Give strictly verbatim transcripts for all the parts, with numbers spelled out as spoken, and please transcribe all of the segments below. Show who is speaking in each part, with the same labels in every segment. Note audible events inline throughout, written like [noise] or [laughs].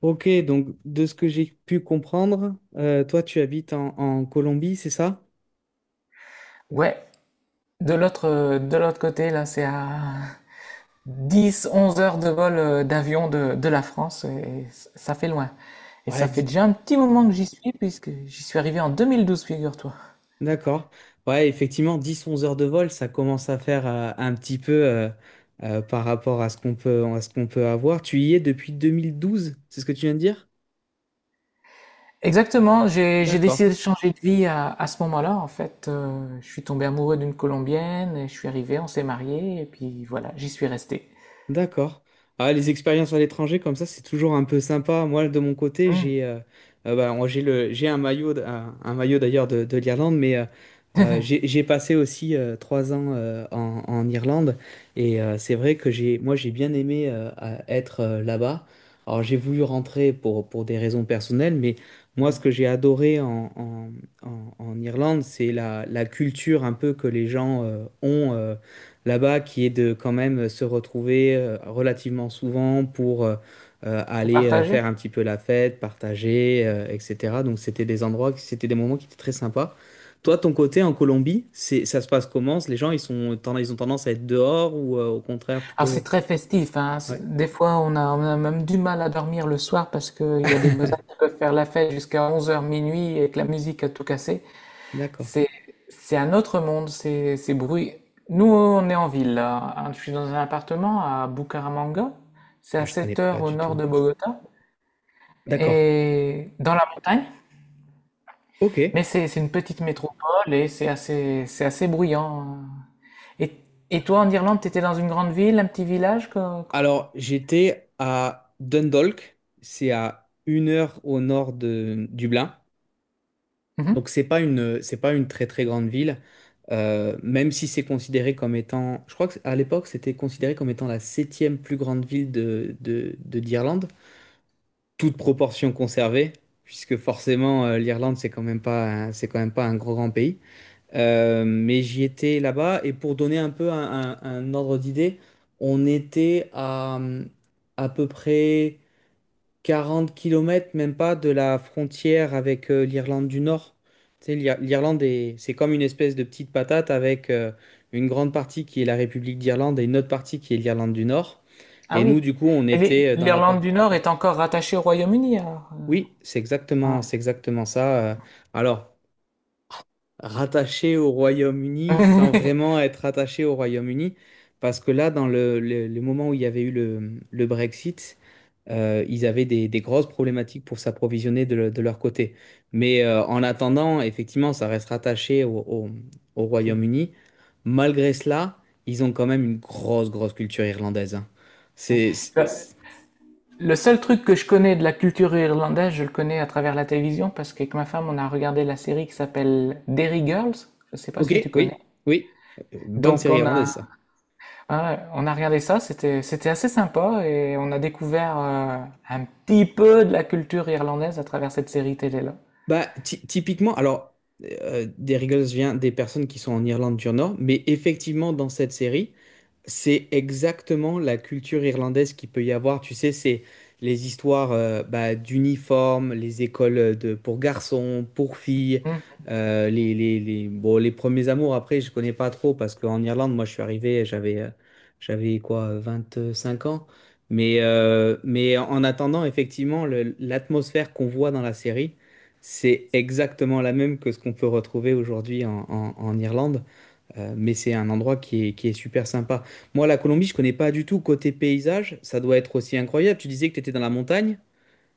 Speaker 1: Ok, donc de ce que j'ai pu comprendre, euh, toi tu habites en, en Colombie, c'est ça?
Speaker 2: Ouais, de l'autre euh, de l'autre côté, là, c'est à dix, onze heures de vol euh, d'avion de, de la France, et c- ça fait loin. Et ça
Speaker 1: Ouais,
Speaker 2: fait
Speaker 1: dix-
Speaker 2: déjà un petit moment que j'y suis, puisque j'y suis arrivé en deux mille douze, figure-toi.
Speaker 1: d'accord. Ouais, effectivement, dix, onze heures de vol, ça commence à faire euh, un petit peu euh, euh, par rapport à ce qu'on peut, à ce qu'on peut avoir. Tu y es depuis deux mille douze, c'est ce que tu viens de dire?
Speaker 2: Exactement, j'ai j'ai
Speaker 1: D'accord.
Speaker 2: décidé de changer de vie à, à ce moment-là. En fait, euh, je suis tombé amoureux d'une Colombienne, et je suis arrivé, on s'est mariés, et puis voilà, j'y suis resté.
Speaker 1: D'accord. Ah, les expériences à l'étranger comme ça, c'est toujours un peu sympa. Moi, de mon côté,
Speaker 2: Hum,
Speaker 1: j'ai euh, euh, bah, moi, j'ai le j'ai un maillot d- un, un maillot d'ailleurs de, de l'Irlande, mais euh, euh, j'ai j'ai passé aussi euh, trois ans euh, en, en Irlande et euh, c'est vrai que j'ai moi j'ai bien aimé euh, à être euh, là-bas. Alors j'ai voulu rentrer pour pour des raisons personnelles, mais moi ce que
Speaker 2: ouais.
Speaker 1: j'ai adoré en, en, en, en Irlande, c'est la, la culture un peu que les gens euh, ont euh, là-bas, qui est de quand même euh, se retrouver euh, relativement souvent pour euh, euh,
Speaker 2: Pour
Speaker 1: aller euh, faire
Speaker 2: partager?
Speaker 1: un petit peu la fête, partager, euh, et cetera. Donc c'était des endroits, qui- c'était des moments qui étaient très sympas. Toi, ton côté en Colombie, c'est, ça se passe comment? Les gens, ils sont, tend- ils ont tendance à être dehors ou euh, au contraire
Speaker 2: Alors c'est
Speaker 1: plutôt...
Speaker 2: très festif, hein. C'est-
Speaker 1: Ouais,
Speaker 2: Des fois, on a, on a même du mal à dormir le soir parce qu'il y a des voisins qui peuvent faire la fête jusqu'à onze heures minuit et que la musique a tout cassé.
Speaker 1: d'accord.
Speaker 2: C'est, c'est un autre monde, c'est, c'est bruit. Nous, on est en ville, là, hein. Je suis dans un appartement à Bucaramanga. C'est
Speaker 1: Ah,
Speaker 2: à
Speaker 1: je connais
Speaker 2: sept
Speaker 1: pas
Speaker 2: heures au
Speaker 1: du
Speaker 2: nord de
Speaker 1: tout.
Speaker 2: Bogota
Speaker 1: D'accord.
Speaker 2: et dans la montagne.
Speaker 1: Ok.
Speaker 2: Mais c'est, c'est une petite métropole et c'est assez, c'est assez bruyant. Et, et toi, en Irlande, tu étais dans une grande ville, un petit village, quoi?
Speaker 1: Alors, j'étais à Dundalk, c'est à une heure au nord de Dublin. Donc
Speaker 2: Mhm.
Speaker 1: c'est pas une c'est pas une très très grande ville, euh, même si c'est considéré comme étant, je crois qu'à l'époque c'était considéré comme étant la septième plus grande ville de, de, de- d'Irlande, toute proportion conservée, puisque forcément euh, l'Irlande c'est quand même pas un- c'est quand même pas un gros grand pays. Euh, mais j'y étais là-bas et pour donner un peu un, un- un ordre d'idée, on était à hum, à peu près quarante kilomètres, même pas, de la frontière avec euh, l'Irlande du Nord. Tu sais, l'Ir- l'Irlande, est- c'est comme une espèce de petite patate avec euh, une grande partie qui est la République d'Irlande et une autre partie qui est l'Irlande du Nord.
Speaker 2: Ah
Speaker 1: Et
Speaker 2: oui.
Speaker 1: nous, du coup, on
Speaker 2: Et l'I-
Speaker 1: était euh, dans la
Speaker 2: l'Irlande
Speaker 1: partie...
Speaker 2: du Nord est encore rattachée au Royaume-Uni, alors?
Speaker 1: Oui, c'est exactement,
Speaker 2: Ah,
Speaker 1: c'est exactement ça. euh. Alors, rattaché au Royaume-Uni sans
Speaker 2: [laughs]
Speaker 1: vraiment être rattaché au Royaume-Uni, parce que là, dans le, le- le moment où il y avait eu le, le Brexit, euh, ils avaient des, des grosses problématiques pour s'approvisionner de, le- de leur côté. Mais euh, en attendant, effectivement, ça reste rattaché au, au- au
Speaker 2: si,
Speaker 1: Royaume-Uni. Malgré cela, ils ont quand même une grosse, grosse culture irlandaise, hein.
Speaker 2: ouais.
Speaker 1: C'est, c'est-
Speaker 2: Le,
Speaker 1: c'est-
Speaker 2: le seul truc que je connais de la culture irlandaise, je le connais à travers la télévision parce qu'avec ma femme, on a regardé la série qui s'appelle Derry Girls. Je sais pas si tu
Speaker 1: Ok,
Speaker 2: connais.
Speaker 1: oui, oui. Euh, Bonne
Speaker 2: Donc
Speaker 1: série
Speaker 2: on
Speaker 1: irlandaise,
Speaker 2: a,
Speaker 1: ça.
Speaker 2: ouais, on a regardé ça, c'était, c'était assez sympa et on a découvert euh, un petit peu de la culture irlandaise à travers cette série télé-là.
Speaker 1: Bah, ty- typiquement, alors, euh, des Riggles vient des personnes qui sont en Irlande du Nord, mais effectivement, dans cette série, c'est exactement la culture irlandaise qu'il peut y avoir. Tu sais, c'est les histoires euh, bah, d'uniformes, les écoles euh, de, pour garçons, pour filles,
Speaker 2: Mm.
Speaker 1: euh, les, les, les, bon, les premiers amours. Après, je connais pas trop parce qu'en Irlande, moi, je suis arrivé, j'avais euh, j'avais quoi, vingt-cinq ans. Mais, euh, mais en attendant, effectivement, le- l'atmosphère qu'on voit dans la série, c'est exactement la même que ce qu'on peut retrouver aujourd'hui en, en en Irlande. Euh, mais c'est un endroit qui est, qui est super sympa. Moi, la Colombie, je connais pas du tout. Côté paysage, ça doit être aussi incroyable. Tu disais que tu étais dans la montagne?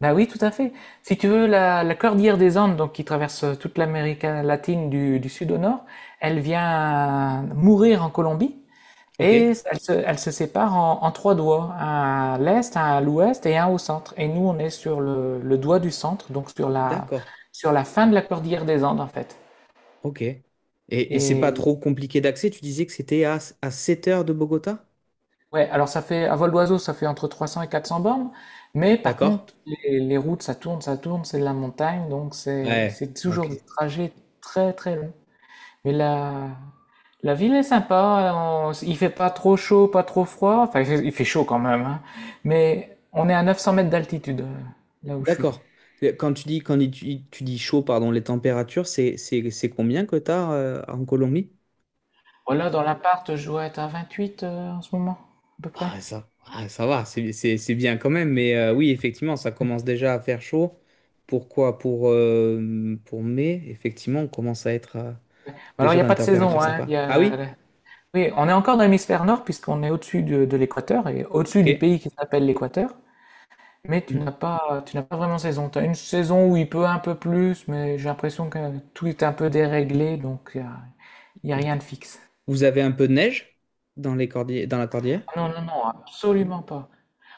Speaker 2: Bah oui, tout à fait. Si tu veux, la, la cordillère des Andes, donc qui traverse euh, toute l'Amérique euh, latine du, du sud au nord, elle vient euh, mourir en Colombie
Speaker 1: Ok,
Speaker 2: et elle se, elle se sépare en, en trois doigts, un à l'est, un à l'ouest et un au centre. Et nous, on est sur le, le doigt du centre, donc sur la,
Speaker 1: d'accord.
Speaker 2: sur la fin de la cordillère des Andes en fait.
Speaker 1: Ok. Et, et c'est pas
Speaker 2: Et hmm,
Speaker 1: trop compliqué d'accès? Tu disais que c'était à, à sept heures de Bogota?
Speaker 2: ouais, alors ça fait, à vol d'oiseau, ça fait entre trois cents et quatre cents bornes, mais par
Speaker 1: D'accord?
Speaker 2: contre, les, les routes, ça tourne, ça tourne, c'est de la montagne, donc c'est,
Speaker 1: Ouais,
Speaker 2: c'est toujours des
Speaker 1: ok.
Speaker 2: trajets très très longs. Mais la, la ville est sympa, on- il fait pas trop chaud, pas trop froid, enfin il fait chaud quand même, hein. Mais on est à neuf cents mètres d'altitude, euh, là où je suis.
Speaker 1: D'accord. Et Quand tu dis, quand il- tu, tu dis chaud, pardon, les températures, c'est, c'est, c'est combien que t'as euh, en Colombie?
Speaker 2: Voilà, dans l'appart, je dois être à vingt-huit euh, en ce moment, à peu près.
Speaker 1: Ah, ça, ah, ça va, c'est, c'est- c'est bien quand même. Mais euh, oui, effectivement, ça commence déjà à faire chaud. Pourquoi? Pour, euh, pour mai, effectivement, on commence à être à,
Speaker 2: Bah, alors il
Speaker 1: déjà
Speaker 2: n'y a
Speaker 1: dans une
Speaker 2: pas de
Speaker 1: température
Speaker 2: saison, hein.
Speaker 1: sympa.
Speaker 2: Il y
Speaker 1: Ah oui?
Speaker 2: a, oui, on est encore dans l'hémisphère nord puisqu'on est au-dessus de, de l'équateur et au-dessus
Speaker 1: Ok.
Speaker 2: du pays qui s'appelle l'Équateur. Mais tu
Speaker 1: Hmm,
Speaker 2: n'as pas, tu n'as pas vraiment saison. Tu as une saison où il peut un peu plus, mais j'ai l'impression que tout est un peu déréglé, donc il n'y a, il y a rien
Speaker 1: d'accord.
Speaker 2: de fixe.
Speaker 1: Vous avez un peu de neige dans les cordiers, dans la cordillère?
Speaker 2: Ah non, non, non, absolument pas.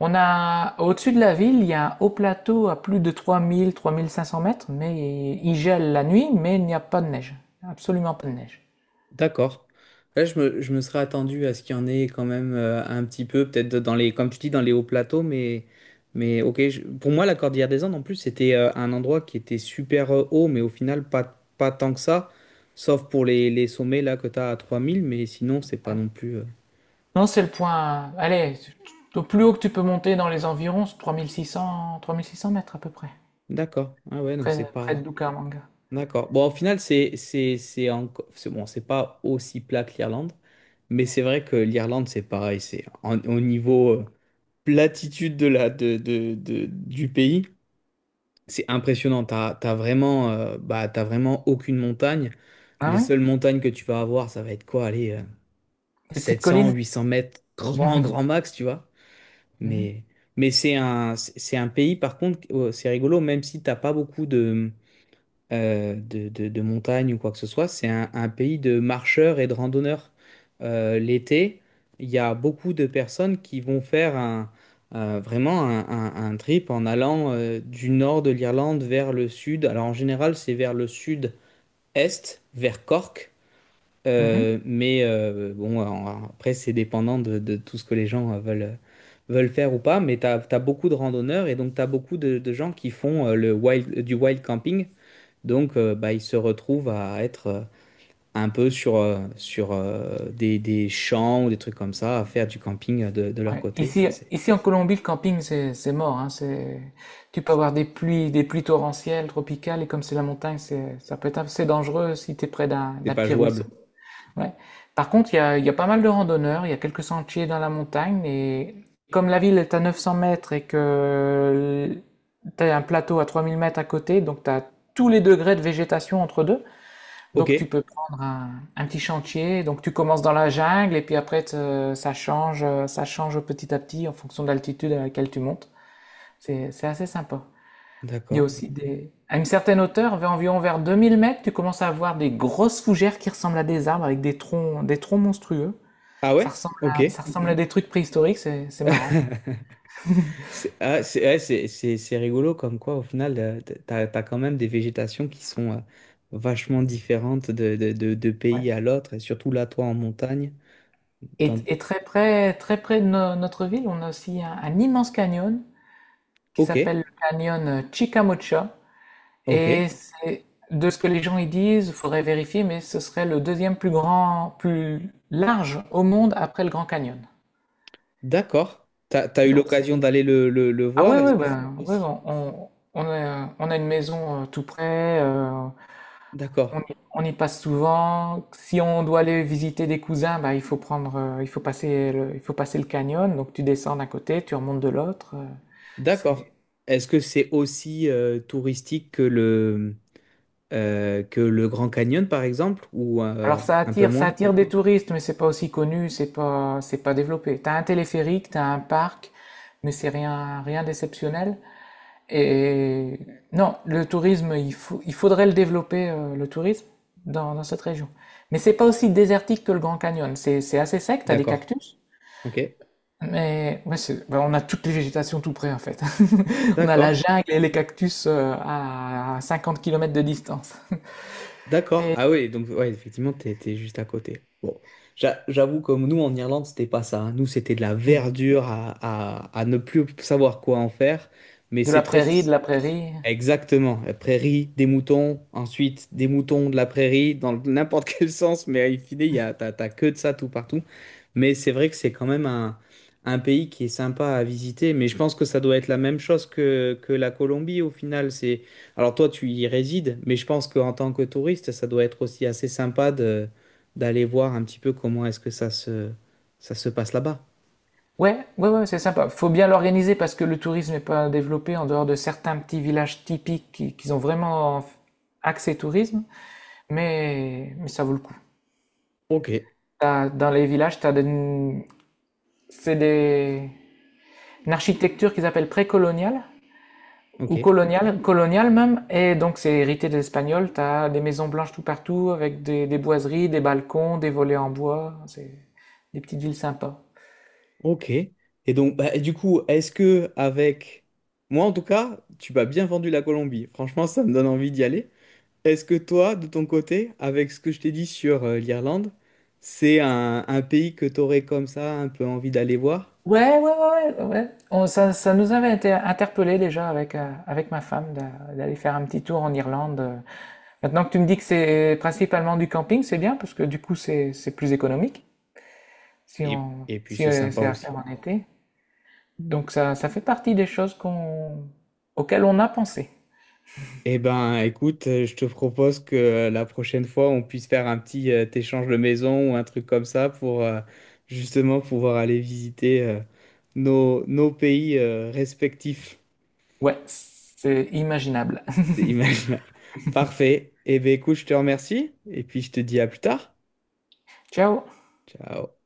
Speaker 2: On a, au-dessus de la ville, il y a un haut plateau à plus de trois trois mille, trois mille cinq cents mètres, mais il gèle la nuit, mais il n'y a pas de neige. Absolument pas de neige.
Speaker 1: D'accord. Là, je me, je me serais attendu à ce qu'il y en ait quand même euh, un petit peu, peut-être dans les, comme tu dis, dans les hauts plateaux, mais, mais, ok. Je- pour moi, la cordillère des Andes, en plus, c'était euh, un endroit qui était super euh, haut, mais au final, pas, pas tant que ça, sauf pour les, les sommets là que tu as à trois mille, mais sinon, c'est pas non plus. euh,
Speaker 2: Non, c'est le point. Allez, au plus haut que tu peux monter dans les environs, c'est trois mille six cents trois mille six cents mètres à peu près,
Speaker 1: D'accord. Ah ouais, donc
Speaker 2: près,
Speaker 1: c'est
Speaker 2: de- près de
Speaker 1: pas.
Speaker 2: Bucaramanga.
Speaker 1: D'accord. Bon, au final, c'est c'est c'est enco- c'est bon, c'est pas aussi plat que l'Irlande, mais c'est vrai que l'Irlande, c'est pareil. C'est en- au niveau euh, platitude de la de, de, de- du pays, c'est impressionnant. T'as t'as vraiment euh, bah t'as vraiment aucune montagne.
Speaker 2: Ah
Speaker 1: Les
Speaker 2: oui?
Speaker 1: seules montagnes que tu vas avoir, ça va être quoi? Allez, euh,
Speaker 2: Des petites
Speaker 1: sept cents,
Speaker 2: collines?
Speaker 1: huit cents mètres, grand grand
Speaker 2: [laughs]
Speaker 1: max, tu vois.
Speaker 2: Mhm.
Speaker 1: Mais mais c'est un c'est c'est un pays par contre, euh, c'est rigolo, même si t'as pas beaucoup de euh, de, de- de montagne ou quoi que ce soit, c'est un, un pays de marcheurs et de randonneurs. Euh, l'été, il y a beaucoup de personnes qui vont faire un, euh, vraiment un, un- un trip en allant euh, du nord de l'Irlande vers le sud. Alors en général, c'est vers le sud-est, vers Cork.
Speaker 2: Mhm.
Speaker 1: Euh, mais euh, bon, en- après, c'est dépendant de, de tout ce que les gens euh, veulent, veulent faire ou pas. Mais tu as, beaucoup de randonneurs et donc tu as beaucoup de, de gens qui font euh, le wild, du wild camping. Donc, euh, bah, ils se retrouvent à être euh, un peu sur, euh, sur euh, des, des champs ou des trucs comme ça, à faire du camping euh, de, de leur
Speaker 2: Ouais.
Speaker 1: côté. C'est
Speaker 2: Ici,
Speaker 1: assez-
Speaker 2: ici en Colombie, le camping, c'est c'est mort, hein, c'est- tu peux avoir des pluies, des pluies torrentielles, tropicales, et comme c'est la montagne, c'est ça peut être assez dangereux si tu es près d'un
Speaker 1: c'est
Speaker 2: d'un
Speaker 1: pas
Speaker 2: petit ruisseau.
Speaker 1: jouable.
Speaker 2: Ouais. Par contre, il y a, il y a pas mal de randonneurs, il y a quelques sentiers dans la montagne et comme la ville est à neuf cents mètres et que tu as un plateau à trois mille mètres à côté, donc tu as tous les degrés de végétation entre deux.
Speaker 1: Ok,
Speaker 2: Donc tu peux prendre un, un petit chantier, donc tu commences dans la jungle et puis après te- ça change, ça change petit à petit en fonction de l'altitude à laquelle tu montes. C'est, c'est assez sympa. Il y a
Speaker 1: d'accord.
Speaker 2: aussi des... À une certaine hauteur, vers environ vers deux mille mètres, tu commences à avoir des grosses fougères qui ressemblent à des arbres avec des troncs, des troncs monstrueux.
Speaker 1: Ah
Speaker 2: Ça
Speaker 1: ouais?
Speaker 2: ressemble
Speaker 1: Ok.
Speaker 2: à, ça ressemble à des trucs préhistoriques, c'est, c'est marrant.
Speaker 1: [laughs] C'est ah, c'est ouais, c'est- c'est- c'est rigolo comme quoi, au final, euh, t- t'as, t'as quand même des végétations qui sont euh, vachement différentes de, de, de, de pays
Speaker 2: Ouais.
Speaker 1: à l'autre, et surtout là, toi, en montagne.
Speaker 2: Et,
Speaker 1: Dans-
Speaker 2: et très près, très près de no- notre ville, on a aussi un, un immense canyon qui
Speaker 1: Ok,
Speaker 2: s'appelle le canyon Chicamocha.
Speaker 1: ok,
Speaker 2: Et c'est, de ce que les gens y disent, il faudrait vérifier, mais ce serait le deuxième plus grand, plus large au monde après le Grand Canyon.
Speaker 1: d'accord. T'as, t'as eu
Speaker 2: Donc
Speaker 1: l'occasion d'aller le, le, le
Speaker 2: ah
Speaker 1: voir.
Speaker 2: oui,
Speaker 1: Est-ce
Speaker 2: oui,
Speaker 1: que c'est
Speaker 2: ben, ouais,
Speaker 1: possible?
Speaker 2: on, on- on a, on a une maison euh, tout près, euh,
Speaker 1: D'accord,
Speaker 2: on, y on y passe souvent. Si on doit aller visiter des cousins, bah, il faut prendre, euh, il faut passer le, il faut passer le canyon, donc tu descends d'un côté, tu remontes de l'autre, euh, c'est...
Speaker 1: d'accord. Est-ce que c'est aussi euh, touristique que le, euh, que le Grand Canyon, par exemple, ou
Speaker 2: Alors
Speaker 1: euh,
Speaker 2: ça
Speaker 1: un peu
Speaker 2: attire, ça
Speaker 1: moins?
Speaker 2: attire des touristes, mais c'est pas aussi connu, c'est pas, c'est pas développé. T'as un téléphérique, t'as un parc, mais c'est rien, rien d'exceptionnel. Et non, le tourisme, il faut, il faudrait le développer, euh, le tourisme, dans, dans cette région. Mais c'est pas aussi désertique que le Grand Canyon. C'est, c'est assez sec, t'as des
Speaker 1: D'accord,
Speaker 2: cactus.
Speaker 1: ok,
Speaker 2: Mais ouais, c'est- ben, on a toutes les végétations tout près, en fait. [laughs] On a la
Speaker 1: d'accord,
Speaker 2: jungle et les cactus euh, à cinquante kilomètres de distance. [laughs]
Speaker 1: d'accord. Ah oui, donc ouais, effectivement, t'es, t'es juste à côté. Bon, J'a- j'avoue, comme nous en Irlande, c'était pas ça, hein. Nous, c'était de la
Speaker 2: Mm.
Speaker 1: verdure à, à, à ne plus savoir quoi en faire, mais
Speaker 2: De
Speaker 1: c'est
Speaker 2: la
Speaker 1: très...
Speaker 2: prairie, de la prairie.
Speaker 1: Exactement, la prairie, des moutons, ensuite des moutons de la prairie, dans le- n'importe quel [laughs] sens, mais in fine, il y a, t'as, t'as que de ça tout partout. Mais c'est vrai que c'est quand même un, un pays qui est sympa à visiter, mais je pense que ça doit être la même chose que, que la Colombie au final. C'est... Alors toi, tu y résides, mais je pense qu'en tant que touriste, ça doit être aussi assez sympa de, d'aller voir un petit peu comment est-ce que ça se, ça se passe là-bas.
Speaker 2: Ouais, ouais, ouais, c'est sympa. Faut bien l'organiser parce que le tourisme n'est pas développé en dehors de certains petits villages typiques qui, qui ont vraiment axé tourisme. Mais, mais ça vaut le coup.
Speaker 1: Ok.
Speaker 2: T'as- dans les villages, t'as des- c'est des, une architecture qu'ils appellent précoloniale ou
Speaker 1: Ok.
Speaker 2: coloniale, coloniale même, et donc c'est hérité des Espagnols. T'as des maisons blanches tout partout avec des, des boiseries, des balcons, des volets en bois. C'est des petites villes sympas.
Speaker 1: Ok. Et donc, bah, du coup, est-ce que avec moi, en tout cas, tu m'as bien vendu la Colombie. Franchement, ça me donne envie d'y aller. Est-ce que toi, de ton côté, avec ce que je t'ai dit sur euh, l'Irlande, c'est un, un pays que t'aurais comme ça un peu envie d'aller voir?
Speaker 2: Ouais, ouais, ouais, ouais, ouais. On- ça, ça nous avait été interpellé déjà avec, euh, avec ma femme d'a- d'aller faire un petit tour en Irlande, euh. Maintenant que tu me dis que c'est principalement du camping, c'est bien parce que du coup c'est c'est plus économique. si
Speaker 1: Et,
Speaker 2: on,
Speaker 1: et puis,
Speaker 2: si
Speaker 1: c'est
Speaker 2: euh,
Speaker 1: sympa
Speaker 2: c'est à
Speaker 1: aussi.
Speaker 2: faire en été. Donc ça, ça fait partie des choses qu'on, auxquelles on a pensé.
Speaker 1: Eh ben, écoute, euh, je te propose que euh, la prochaine fois, on puisse faire un petit euh, échange de maison ou un truc comme ça pour euh, justement pouvoir aller visiter euh, nos, nos pays euh, respectifs.
Speaker 2: Ouais, c'est imaginable.
Speaker 1: C'est imaginable. Parfait. Eh bien, écoute, je te remercie et puis je te dis à plus tard.
Speaker 2: [laughs] Ciao!
Speaker 1: Ciao.